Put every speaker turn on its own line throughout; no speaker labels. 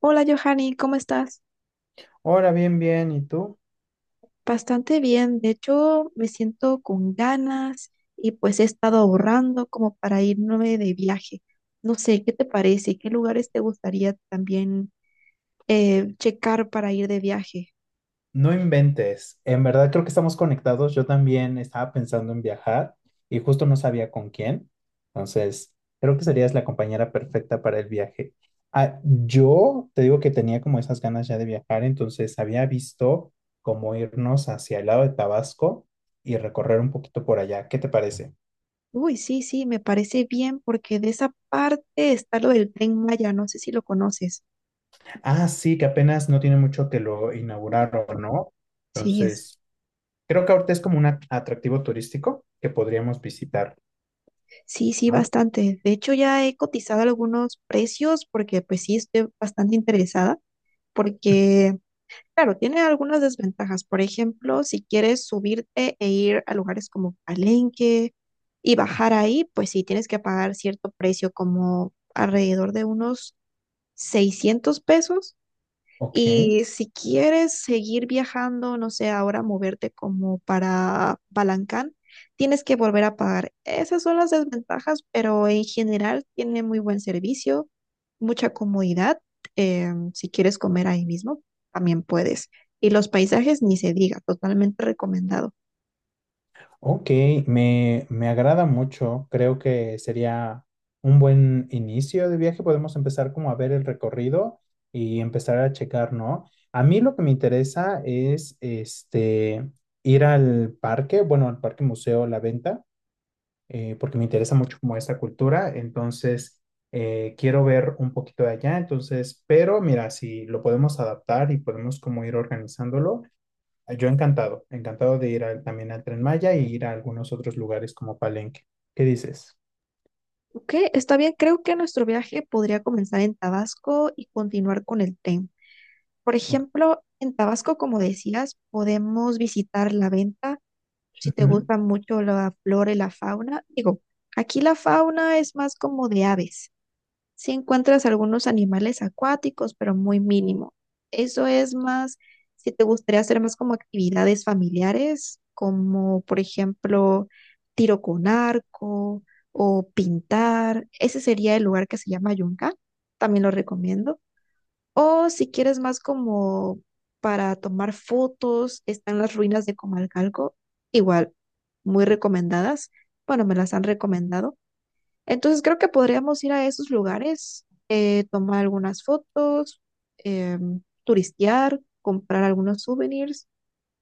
Hola Johanny, ¿cómo estás?
Ahora bien, bien, ¿y tú?
Bastante bien, de hecho me siento con ganas y pues he estado ahorrando como para irme de viaje. No sé, ¿qué te parece? ¿Qué lugares te gustaría también checar para ir de viaje?
No inventes. En verdad creo que estamos conectados. Yo también estaba pensando en viajar y justo no sabía con quién. Entonces, creo que serías la compañera perfecta para el viaje. Ah, yo te digo que tenía como esas ganas ya de viajar, entonces había visto cómo irnos hacia el lado de Tabasco y recorrer un poquito por allá. ¿Qué te parece?
Uy, sí, sí, me parece bien porque de esa parte está lo del Tren Maya, no sé si lo conoces.
Ah, sí, que apenas no tiene mucho que lo inauguraron, ¿no?
Sí,
Entonces, creo que ahorita es como un atractivo turístico que podríamos visitar,
sí, sí,
¿no?
bastante. De hecho ya he cotizado algunos precios porque pues sí, estoy bastante interesada porque Claro, tiene algunas desventajas. Por ejemplo, si quieres subirte e ir a lugares como Palenque y bajar ahí, pues sí tienes que pagar cierto precio, como alrededor de unos 600 pesos.
Ok,
Y si quieres seguir viajando, no sé, ahora moverte como para Balancán, tienes que volver a pagar. Esas son las desventajas, pero en general tiene muy buen servicio, mucha comodidad. Si quieres comer ahí mismo, también puedes. Y los paisajes, ni se diga, totalmente recomendado.
ok, me agrada mucho. Creo que sería un buen inicio de viaje. Podemos empezar como a ver el recorrido y empezar a checar, ¿no? A mí lo que me interesa es ir al parque, bueno, al parque museo La Venta, porque me interesa mucho como esta cultura, entonces quiero ver un poquito de allá, entonces, pero mira, si lo podemos adaptar y podemos como ir organizándolo, yo encantado, encantado de ir también al Tren Maya y ir a algunos otros lugares como Palenque. ¿Qué dices?
Ok, está bien, creo que nuestro viaje podría comenzar en Tabasco y continuar con el tren. Por
Ok.
ejemplo, en Tabasco, como decías, podemos visitar la venta si te
Ujú.
gusta mucho la flora y la fauna, digo, aquí la fauna es más como de aves. Si encuentras algunos animales acuáticos, pero muy mínimo. Eso es más, si te gustaría hacer más como actividades familiares, como por ejemplo tiro con arco o pintar, ese sería el lugar que se llama Yunga, también lo recomiendo. O si quieres más como para tomar fotos, están las ruinas de Comalcalco, igual, muy recomendadas. Bueno, me las han recomendado. Entonces creo que podríamos ir a esos lugares, tomar algunas fotos, turistear, comprar algunos souvenirs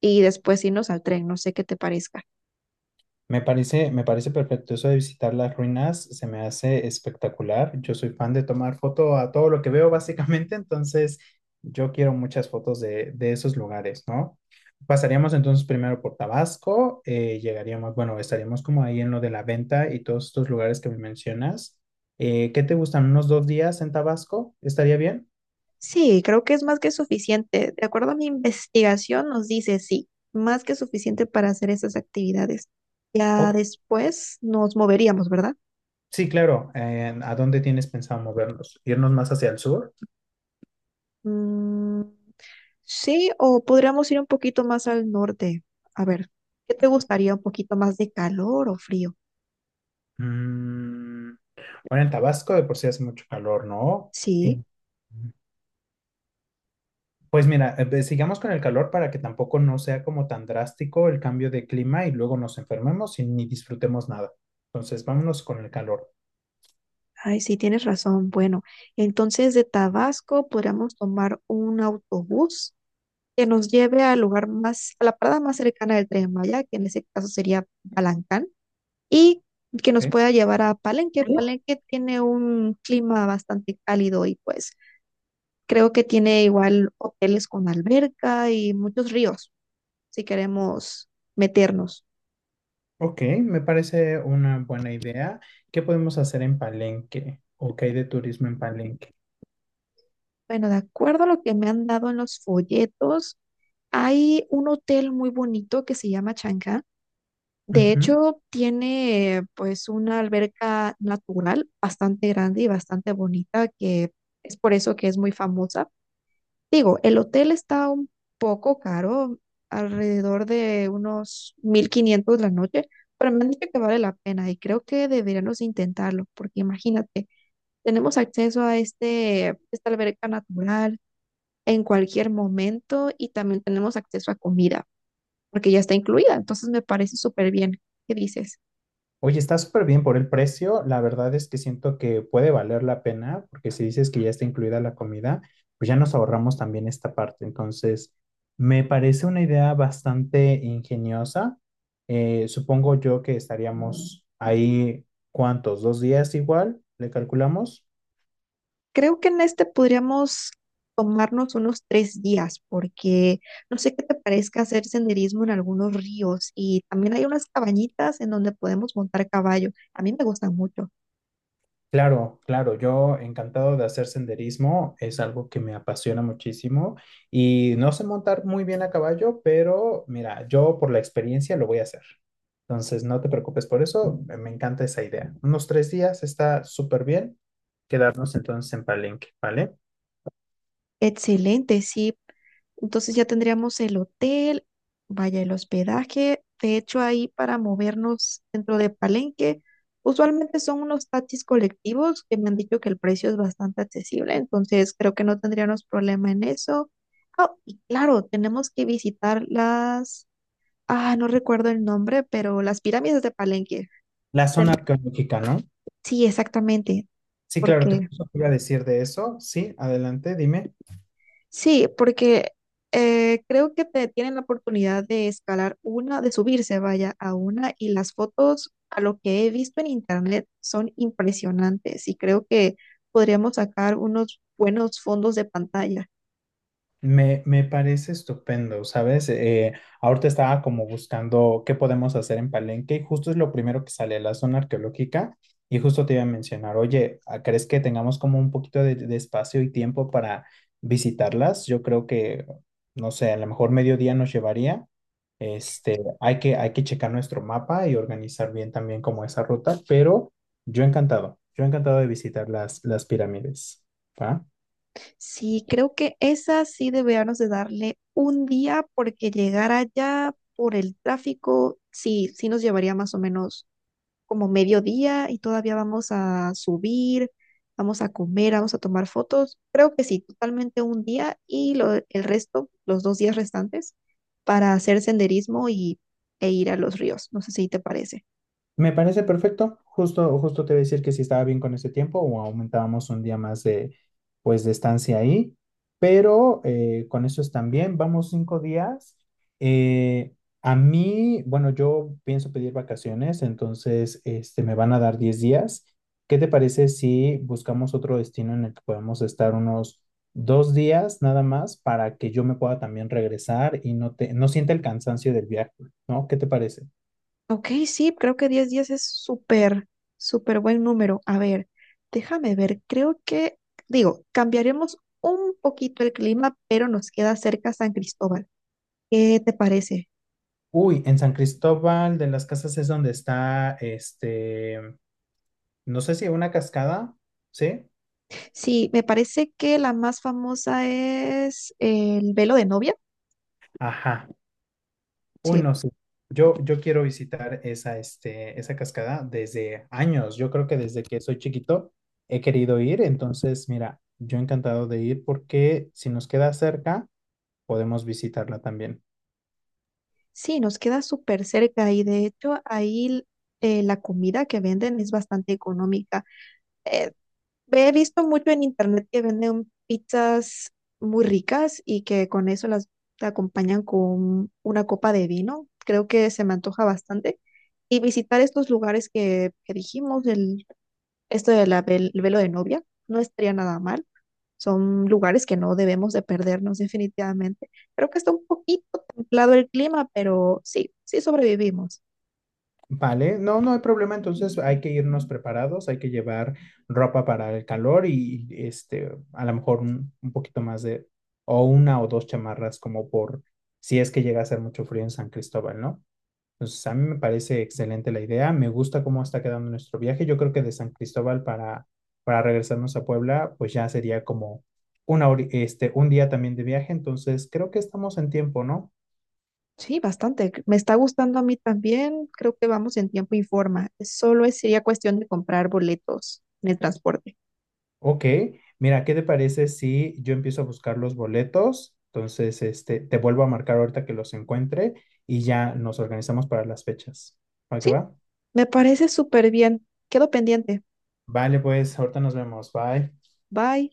y después irnos al tren. No sé qué te parezca.
Me parece perfecto eso de visitar las ruinas, se me hace espectacular. Yo soy fan de tomar foto a todo lo que veo, básicamente, entonces yo quiero muchas fotos de esos lugares, ¿no? Pasaríamos entonces primero por Tabasco, llegaríamos, bueno, estaríamos como ahí en lo de la venta y todos estos lugares que me mencionas. ¿Qué te gustan? ¿Unos 2 días en Tabasco? ¿Estaría bien?
Sí, creo que es más que suficiente. De acuerdo a mi investigación, nos dice sí, más que suficiente para hacer esas actividades. Ya
O-
después nos moveríamos, ¿verdad?
sí, claro. ¿A dónde tienes pensado movernos? ¿Irnos más hacia el sur?
Mm, sí, o podríamos ir un poquito más al norte. A ver, ¿qué te gustaría? ¿Un poquito más de calor o frío?
Mm, bueno, en Tabasco de por sí hace mucho calor, ¿no? Eh,
Sí,
pues mira, sigamos con el calor para que tampoco no sea como tan drástico el cambio de clima y luego nos enfermemos y ni disfrutemos nada. Entonces, vámonos con el calor.
ay, sí, tienes razón. Bueno, entonces de Tabasco podríamos tomar un autobús que nos lleve al lugar más, a la parada más cercana del Tren Maya, que en ese caso sería Balancán. Y que nos
¿Ok?
pueda llevar a Palenque. Palenque tiene un clima bastante cálido y pues creo que tiene igual hoteles con alberca y muchos ríos si queremos meternos.
Ok, me parece una buena idea. ¿Qué podemos hacer en Palenque? ¿O qué hay de turismo en Palenque?
Bueno, de acuerdo a lo que me han dado en los folletos, hay un hotel muy bonito que se llama Chang'an. De
Ujú.
hecho, tiene pues una alberca natural bastante grande y bastante bonita que es por eso que es muy famosa. Digo, el hotel está un poco caro, alrededor de unos 1,500 la noche, pero me han dicho que vale la pena y creo que deberíamos intentarlo, porque imagínate, tenemos acceso a este, esta alberca natural en cualquier momento y también tenemos acceso a comida, porque ya está incluida, entonces me parece súper bien. ¿Qué dices?
Oye, está súper bien por el precio. La verdad es que siento que puede valer la pena, porque si dices que ya está incluida la comida, pues ya nos ahorramos también esta parte. Entonces, me parece una idea bastante ingeniosa. Supongo yo que estaríamos ahí, ¿cuántos? ¿2 días igual? ¿Le calculamos?
Creo que en este podríamos tomarnos unos 3 días, porque no sé qué te parezca hacer senderismo en algunos ríos y también hay unas cabañitas en donde podemos montar caballo. A mí me gustan mucho.
Claro, claro, yo encantado de hacer senderismo, es algo que me apasiona muchísimo y no sé montar muy bien a caballo, pero mira, yo por la experiencia lo voy a hacer. Entonces, no te preocupes por eso, me encanta esa idea. Unos 3 días está súper bien quedarnos entonces en Palenque, ¿vale?
Excelente, sí. Entonces ya tendríamos el hotel, vaya el hospedaje. De hecho, ahí para movernos dentro de Palenque, usualmente son unos taxis colectivos que me han dicho que el precio es bastante accesible, entonces creo que no tendríamos problema en eso. Ah, y claro, tenemos que visitar ah, no recuerdo el nombre, pero las pirámides de Palenque.
La zona
Ten-
arqueológica, ¿no?
Sí, exactamente,
Sí, claro, te
porque
justo te iba a decir de eso. Sí, adelante, dime.
Sí, porque creo que te tienen la oportunidad de escalar una, de subirse, vaya, a una, y las fotos, a lo que he visto en internet, son impresionantes y creo que podríamos sacar unos buenos fondos de pantalla.
Me parece estupendo, ¿sabes? Ahorita estaba como buscando qué podemos hacer en Palenque y justo es lo primero que sale, la zona arqueológica. Y justo te iba a mencionar, oye, ¿crees que tengamos como un poquito de espacio y tiempo para visitarlas? Yo creo que, no sé, a lo mejor mediodía nos llevaría. Hay que checar nuestro mapa y organizar bien también como esa ruta, pero yo encantado de visitar las pirámides. ¿Va?
Sí, creo que esa sí deberíamos de darle un día porque llegar allá por el tráfico, sí, sí nos llevaría más o menos como mediodía y todavía vamos a subir, vamos a comer, vamos a tomar fotos. Creo que sí, totalmente un día y el resto, los 2 días restantes, para hacer senderismo y, e ir a los ríos. No sé si te parece.
Me parece perfecto. Justo, justo te voy a decir que si estaba bien con ese tiempo o aumentábamos un día más pues, de estancia ahí. Pero con eso están bien. Vamos 5 días. Eh, a mí, bueno, yo pienso pedir vacaciones, entonces me van a dar 10 días. ¿Qué te parece si buscamos otro destino en el que podamos estar unos 2 días nada más para que yo me pueda también regresar y no sienta el cansancio del viaje, ¿no? ¿Qué te parece?
Ok, sí, creo que 10 días es súper, súper buen número. A ver, déjame ver, creo que, digo, cambiaremos un poquito el clima, pero nos queda cerca San Cristóbal. ¿Qué te parece?
Uy, en San Cristóbal de las Casas es donde está, no sé si una cascada, ¿sí?
Sí, me parece que la más famosa es el velo de novia.
Ajá. Uy,
Sí,
no, sí. Yo quiero visitar esa cascada desde años. Yo creo que desde que soy chiquito he querido ir. Entonces, mira, yo encantado de ir porque si nos queda cerca, podemos visitarla también.
sí, nos queda súper cerca y de hecho ahí la comida que venden es bastante económica. Eh, He visto mucho en internet que venden pizzas muy ricas y que con eso las te acompañan con una copa de vino. Creo que se me antoja bastante. Y visitar estos lugares que dijimos, esto del velo de novia, no estaría nada mal. Son lugares que no debemos de perdernos definitivamente. Creo que está un poquito templado el clima, pero sí, sí sobrevivimos.
Vale, no, no hay problema, entonces hay que irnos preparados, hay que llevar ropa para el calor y a lo mejor un poquito más de, o una o dos chamarras como por si es que llega a hacer mucho frío en San Cristóbal, ¿no? Entonces a mí me parece excelente la idea, me gusta cómo está quedando nuestro viaje, yo creo que de San Cristóbal para regresarnos a Puebla, pues ya sería como una un día también de viaje, entonces creo que estamos en tiempo, ¿no?
Sí, bastante. Me está gustando a mí también. Creo que vamos en tiempo y forma. Solo sería cuestión de comprar boletos en el transporte.
Ok, mira, ¿qué te parece si yo empiezo a buscar los boletos? Entonces, te vuelvo a marcar ahorita que los encuentre y ya nos organizamos para las fechas. ¿Va que
Sí,
va?
me parece súper bien. Quedo pendiente.
Vale, pues, ahorita nos vemos. Bye.
Bye.